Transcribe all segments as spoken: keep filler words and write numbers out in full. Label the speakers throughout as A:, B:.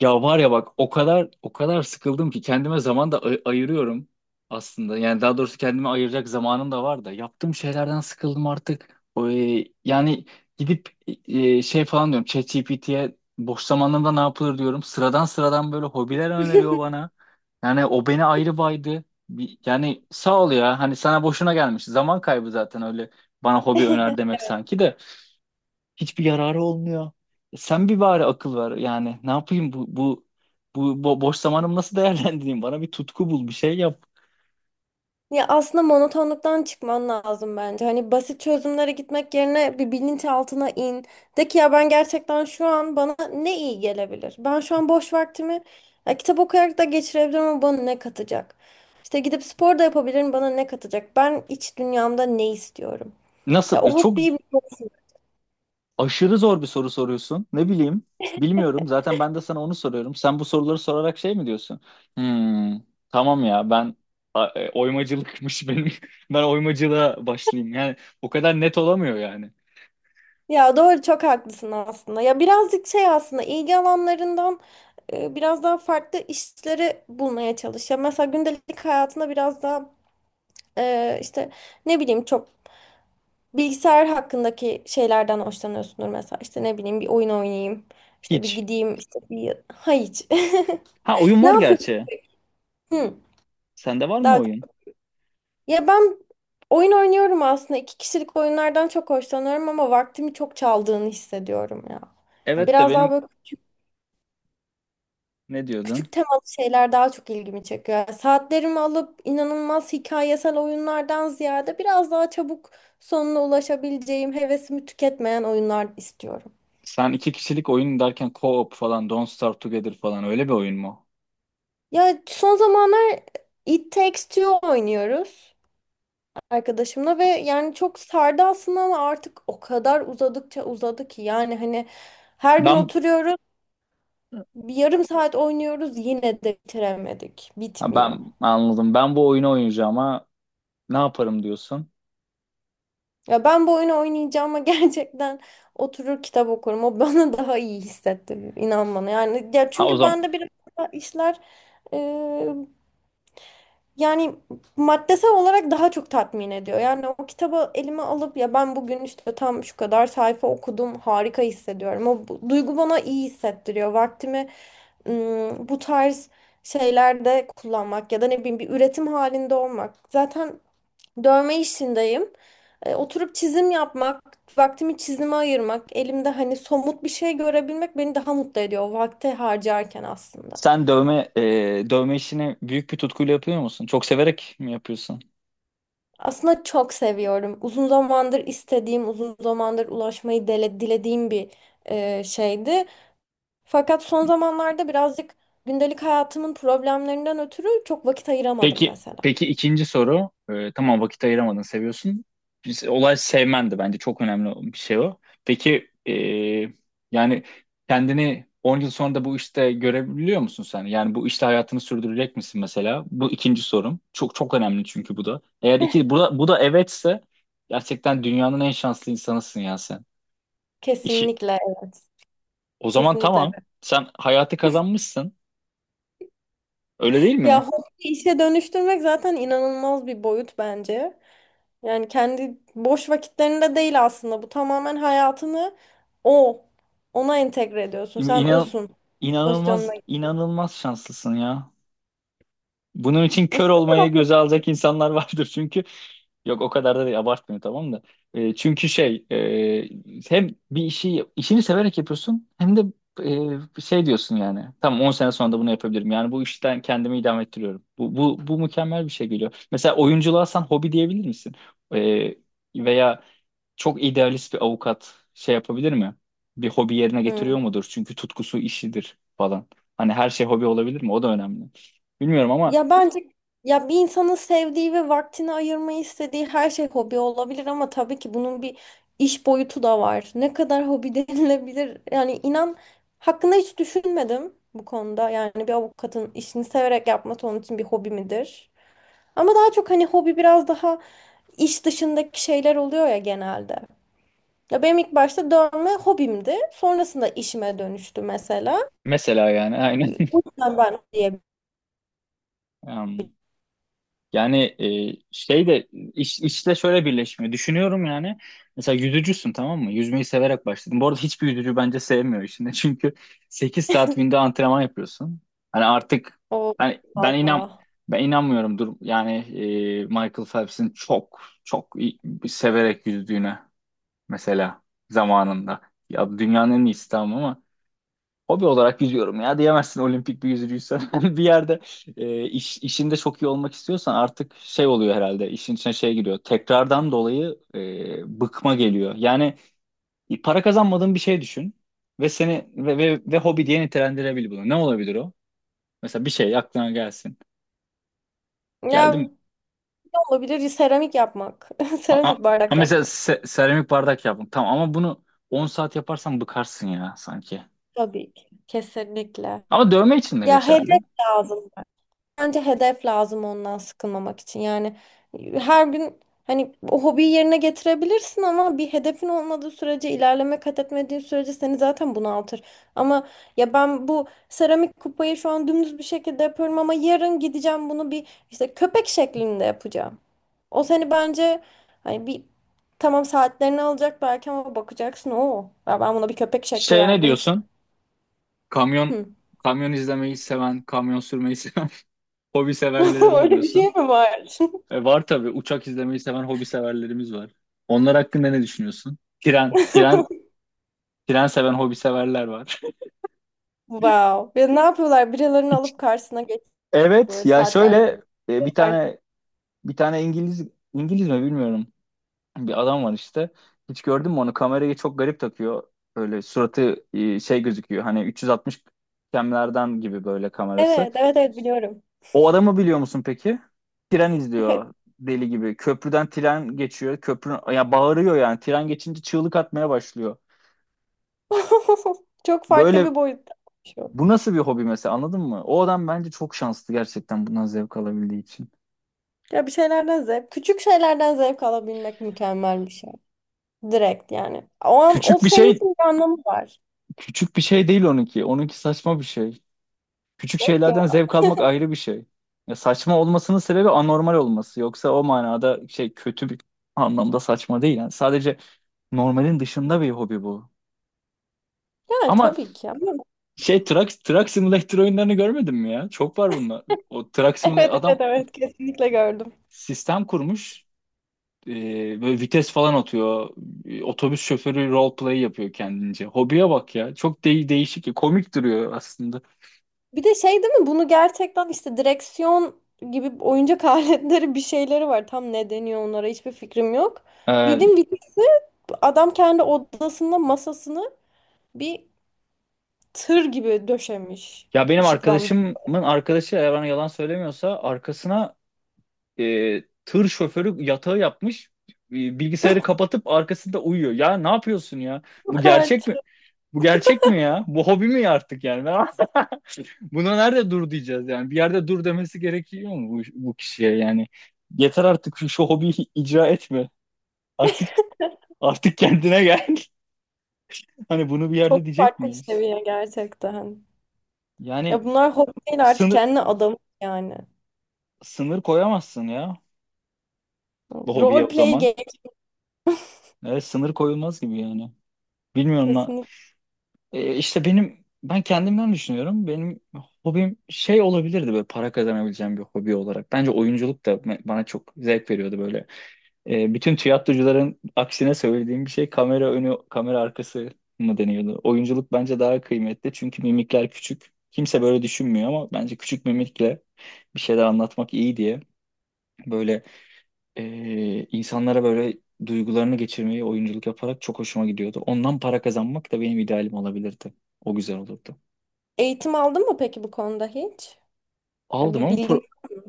A: Ya var ya bak o kadar o kadar sıkıldım ki kendime zaman da ay- ayırıyorum aslında. Yani daha doğrusu kendime ayıracak zamanım da var da yaptığım şeylerden sıkıldım artık. O, e, yani gidip e, şey falan diyorum ChatGPT'ye boş zamanlarımda ne yapılır diyorum. Sıradan sıradan böyle hobiler öneriyor bana. Yani o beni ayrı baydı. Bir- Yani sağ ol ya hani sana boşuna gelmiş. Zaman kaybı zaten öyle bana hobi öner demek sanki de. Hiçbir yararı olmuyor. E, Sen bir bari akıl ver. Yani ne yapayım bu bu bu, bu boş zamanımı nasıl değerlendireyim? Bana bir tutku bul, bir şey yap.
B: Ya aslında monotonluktan çıkman lazım bence. Hani basit çözümlere gitmek yerine bir bilinçaltına in. De ki ya ben gerçekten şu an bana ne iyi gelebilir? Ben şu an boş vaktimi ya kitap okuyarak da geçirebilirim ama bana ne katacak? İşte gidip spor da yapabilirim bana ne katacak? Ben iç dünyamda ne istiyorum? Ya
A: Nasıl? E,
B: o
A: Çok
B: hobiyi bir
A: aşırı zor bir soru soruyorsun. Ne bileyim? Bilmiyorum. Zaten ben de sana onu soruyorum. Sen bu soruları sorarak şey mi diyorsun? Hmm, tamam ya ben a- e, oymacılıkmış benim. Ben oymacılığa başlayayım. Yani o kadar net olamıyor yani.
B: Ya doğru çok haklısın aslında. Ya birazcık şey aslında ilgi alanlarından e, biraz daha farklı işleri bulmaya çalış. Ya mesela gündelik hayatında biraz daha e, işte ne bileyim çok bilgisayar hakkındaki şeylerden hoşlanıyorsundur mesela. İşte ne bileyim bir oyun oynayayım. İşte bir
A: Hiç.
B: gideyim işte bir ha hiç.
A: Ha oyun
B: Ne
A: var
B: yapıyorsun?
A: gerçi.
B: Hı,
A: Sende var mı
B: daha
A: oyun?
B: ya ben oyun oynuyorum aslında. İki kişilik oyunlardan çok hoşlanıyorum ama vaktimi çok çaldığını hissediyorum ya.
A: Evet de
B: Biraz daha
A: benim
B: böyle.
A: ne diyordun?
B: Küçük temalı şeyler daha çok ilgimi çekiyor. Yani saatlerimi alıp inanılmaz hikayesel oyunlardan ziyade biraz daha çabuk sonuna ulaşabileceğim, hevesimi tüketmeyen oyunlar istiyorum.
A: Sen iki kişilik oyun derken co-op falan, Don't Starve Together falan öyle bir oyun mu?
B: Ya son zamanlar It Takes Two oynuyoruz arkadaşımla ve yani çok sardı aslında ama artık o kadar uzadıkça uzadı ki yani hani her gün
A: Ben
B: oturuyoruz, bir yarım saat oynuyoruz yine de bitiremedik.
A: ha,
B: Bitmiyor.
A: ben anladım. Ben bu oyunu oynayacağım ama ne yaparım diyorsun?
B: Ya ben bu oyunu oynayacağıma gerçekten oturur kitap okurum. O bana daha iyi hissetti. İnan bana. Yani ya
A: Ha o
B: çünkü
A: zaman
B: bende biraz daha işler e, yani maddesel olarak daha çok tatmin ediyor. Yani o kitabı elime alıp ya ben bugün işte tam şu kadar sayfa okudum harika hissediyorum. O bu- duygu bana iyi hissettiriyor. Vaktimi ım, bu tarz şeylerde kullanmak ya da ne bileyim bir üretim halinde olmak. Zaten dövme işindeyim. E, oturup çizim yapmak, vaktimi çizime ayırmak, elimde hani somut bir şey görebilmek beni daha mutlu ediyor o vakti harcarken aslında.
A: sen dövme e, dövme işini büyük bir tutkuyla yapıyor musun? Çok severek mi yapıyorsun?
B: Aslında çok seviyorum. Uzun zamandır istediğim, uzun zamandır ulaşmayı dele, dilediğim bir e, şeydi. Fakat son zamanlarda birazcık gündelik hayatımın problemlerinden ötürü çok vakit ayıramadım
A: Peki,
B: mesela.
A: peki ikinci soru. Ee, tamam vakit ayıramadın, seviyorsun. Biz- Olay sevmendi, bence çok önemli bir şey o. Peki ee, yani kendini on yıl sonra da bu işte görebiliyor musun sen? Yani bu işte hayatını sürdürecek misin mesela? Bu ikinci sorum. Çok çok önemli çünkü bu da. Eğer iki bu da, bu da evetse gerçekten dünyanın en şanslı insanısın ya sen. İşi,
B: Kesinlikle, evet,
A: o zaman
B: kesinlikle.
A: tamam. Sen hayatı kazanmışsın. Öyle değil mi?
B: Ya hobi işe dönüştürmek zaten inanılmaz bir boyut bence. Yani kendi boş vakitlerinde değil aslında. Bu tamamen hayatını o, ona entegre ediyorsun. Sen
A: İnan,
B: osun
A: inanılmaz
B: pozisyonuna.
A: inanılmaz şanslısın ya. Bunun için kör olmaya
B: Mesela-
A: göze alacak insanlar vardır, çünkü yok, o kadar da değil, abartmıyor, tamam da. E, çünkü şey e, hem bir işi işini severek yapıyorsun, hem de e, şey diyorsun, yani tamam, on sene sonra da bunu yapabilirim, yani bu işten kendimi idame ettiriyorum, bu, bu, bu mükemmel bir şey. Geliyor mesela oyunculuğa, sen hobi diyebilir misin? E, Veya çok idealist bir avukat şey yapabilir mi, bir hobi yerine
B: Hmm.
A: getiriyor mudur, çünkü tutkusu işidir falan. Hani her şey hobi olabilir mi, o da önemli. Bilmiyorum ama
B: Ya bence ya bir insanın sevdiği ve vaktini ayırmayı istediği her şey hobi olabilir ama tabii ki bunun bir iş boyutu da var. Ne kadar hobi denilebilir? Yani inan hakkında hiç düşünmedim bu konuda. Yani bir avukatın işini severek yapması onun için bir hobi midir? Ama daha çok hani hobi biraz daha iş dışındaki şeyler oluyor ya genelde. Ya benim ilk başta dövme hobimdi. Sonrasında işime dönüştü mesela.
A: mesela yani aynen.
B: O yüzden ben diye
A: Em, Yani e, şey de iş, işte şöyle birleşmiyor. Düşünüyorum yani. Mesela yüzücüsün, tamam mı? Yüzmeyi severek başladın. Bu arada hiçbir yüzücü bence sevmiyor işini. Çünkü sekiz saat günde antrenman yapıyorsun. Hani artık,
B: o.
A: hani ben inan
B: Allah.
A: ben inanmıyorum, dur yani e, Michael Phelps'in çok çok iyi- severek yüzdüğüne mesela zamanında. Ya dünyanın en iyisi, tamam. Hobi olarak yüzüyorum ya diyemezsin olimpik bir yüzücüysen. Hani bir yerde e, iş, işinde çok iyi olmak istiyorsan artık şey oluyor herhalde, işin içine şey giriyor. Tekrardan dolayı e, bıkma geliyor. Yani para kazanmadığın bir şey düşün ve seni ve, ve, ve hobi diye nitelendirebilir bunu. Ne olabilir o? Mesela bir şey aklına gelsin. Geldi mi?
B: Ya ne olabilir? Seramik yapmak.
A: Ha, ha-
B: Seramik
A: ha
B: bardak
A: mesela
B: yapmak.
A: se- seramik bardak yaptım. Tamam ama bunu on saat yaparsan bıkarsın ya sanki.
B: Tabii ki. Kesinlikle.
A: Ama dövme için de
B: Ya
A: geçerli.
B: hedef lazım. Bence hedef lazım ondan sıkılmamak için. Yani her gün hani o hobiyi yerine getirebilirsin ama bir hedefin olmadığı sürece, ilerleme kat etmediğin sürece seni zaten bunaltır. Ama ya ben bu seramik kupayı şu an dümdüz bir şekilde yapıyorum ama yarın gideceğim bunu bir işte köpek şeklinde yapacağım. O seni bence hani bir tamam saatlerini alacak belki ama bakacaksın o. Ya ben buna bir köpek şekli
A: Şeye ne
B: verdim.
A: diyorsun? Kamyon
B: Hmm.
A: Kamyon izlemeyi seven, kamyon sürmeyi seven hobi severlere ne
B: Öyle bir şey
A: diyorsun?
B: mi var?
A: E, var tabii, uçak izlemeyi seven hobi severlerimiz var. Onlar hakkında ne düşünüyorsun? Tren, tren, tren seven hobi severler var.
B: Wow. Ya ne yapıyorlar? Birilerini alıp karşısına geçiyor
A: Evet
B: böyle
A: ya şöyle
B: saatler.
A: e, bir
B: Çok farklı.
A: tane bir tane İngiliz, İngiliz mi bilmiyorum. Bir adam var işte. Hiç gördün mü onu? Kamerayı çok garip takıyor. Böyle suratı e, şey gözüküyor. Hani üç yüz altmış kemlerden gibi böyle kamerası.
B: Evet, evet, evet biliyorum.
A: O adamı biliyor musun peki? Tren izliyor deli gibi. Köprüden tren geçiyor. Köprü ya bağırıyor yani. Tren geçince çığlık atmaya başlıyor.
B: Çok farklı
A: Böyle
B: bir boyutta şu.
A: bu nasıl bir hobi mesela, anladın mı? O adam bence çok şanslı gerçekten, bundan zevk alabildiği için.
B: Ya bir şeylerden zevk, küçük şeylerden zevk alabilmek mükemmel bir şey. Direkt yani. O an o
A: Küçük bir
B: senin
A: şey,
B: için bir anlamı var.
A: küçük bir şey değil onunki. Onunki saçma bir şey. Küçük
B: Yok
A: şeylerden
B: ya.
A: zevk almak ayrı bir şey. Ya saçma olmasının sebebi anormal olması. Yoksa o manada şey, kötü bir anlamda saçma değil. Yani sadece normalin dışında bir hobi bu.
B: Yani
A: Ama
B: tabii ki.
A: şey Truck, Truck Simulator oyunlarını görmedin mi ya? Çok var bunlar. O Truck Simulator
B: Evet, evet,
A: adam
B: evet kesinlikle gördüm.
A: sistem kurmuş. Ee, böyle vites falan atıyor. Ee, Otobüs şoförü roleplay yapıyor kendince. Hobiye bak ya. Çok de değişik. Komik duruyor aslında.
B: Bir de şey değil mi bunu gerçekten işte direksiyon gibi oyuncak aletleri bir şeyleri var. Tam ne deniyor onlara hiçbir fikrim yok.
A: Ee,
B: Bildim birisi adam kendi odasında masasını bir tır gibi döşemiş.
A: Ya benim
B: Işıklandı.
A: arkadaşımın arkadaşı, eğer bana yalan söylemiyorsa, arkasına e, tır şoförü yatağı yapmış. Ee, Bilgisayarı kapatıp arkasında uyuyor. Ya ne yapıyorsun ya? Bu
B: Çok
A: gerçek mi?
B: artık.
A: Bu gerçek mi ya? Bu hobi mi artık yani? Ben Buna nerede dur diyeceğiz yani? Bir yerde dur demesi gerekiyor mu bu, bu kişiye yani? Yeter artık şu, şu hobiyi icra etme. Artık Artık kendine gel. Hani bunu bir
B: Çok
A: yerde diyecek
B: farklı bir
A: miyiz?
B: seviye gerçekten. Ya
A: Yani
B: bunlar hobi değil artık
A: sınır
B: kendi adamı yani.
A: sınır koyamazsın ya bu hobiye
B: Role
A: o
B: play
A: zaman.
B: game
A: Evet, sınır koyulmaz gibi yani. Bilmiyorum lan.
B: kesinlikle.
A: E, işte benim ben kendimden düşünüyorum. Benim hobim şey olabilirdi, böyle para kazanabileceğim bir hobi olarak. Bence oyunculuk da me- bana çok zevk veriyordu böyle. E, bütün tiyatrocuların aksine söylediğim bir şey, kamera önü, kamera arkası mı deniyordu? Oyunculuk bence daha kıymetli çünkü mimikler küçük. Kimse böyle düşünmüyor ama bence küçük mimikle bir şeyler anlatmak iyi diye böyle e, insanlara böyle duygularını geçirmeyi, oyunculuk yaparak, çok hoşuma gidiyordu. Ondan para kazanmak da benim idealim olabilirdi. O güzel olurdu.
B: Eğitim aldın mı peki bu konuda hiç? Ya
A: Aldım
B: bir
A: ama
B: bilgin
A: pro-
B: var mı?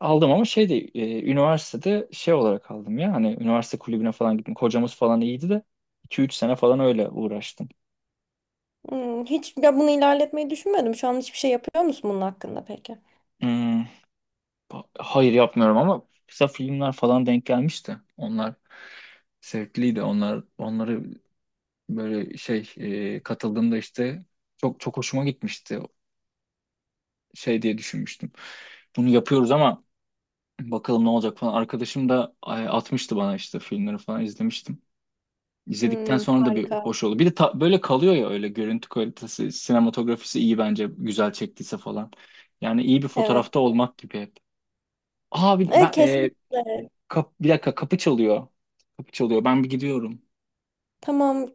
A: aldım ama şey de, e, üniversitede şey olarak aldım ya, hani üniversite kulübüne falan gittim. Kocamız falan iyiydi de iki üç sene falan öyle uğraştım.
B: Hmm, hiç ya bunu ilerletmeyi düşünmedim. Şu an hiçbir şey yapıyor musun bunun hakkında peki?
A: Hmm, ba- hayır, yapmıyorum ama kısa filmler falan denk gelmişti. Onlar zevkliydi. Onlar onları böyle şey, e, katıldığımda işte çok çok hoşuma gitmişti. Şey diye düşünmüştüm. Bunu yapıyoruz ama bakalım ne olacak falan. Arkadaşım da e, atmıştı bana, işte filmleri falan izlemiştim. İzledikten
B: Hmm,
A: sonra da bir
B: harika.
A: hoş oldu. Bir de ta- böyle kalıyor ya, öyle görüntü kalitesi, sinematografisi iyi bence, güzel çektiyse falan. Yani iyi bir
B: Evet.
A: fotoğrafta olmak gibi hep. Aa bir,
B: Evet
A: ben, e,
B: kesinlikle.
A: kap- Bir dakika, kapı çalıyor. Kapı çalıyor. Ben bir gidiyorum.
B: Tamam.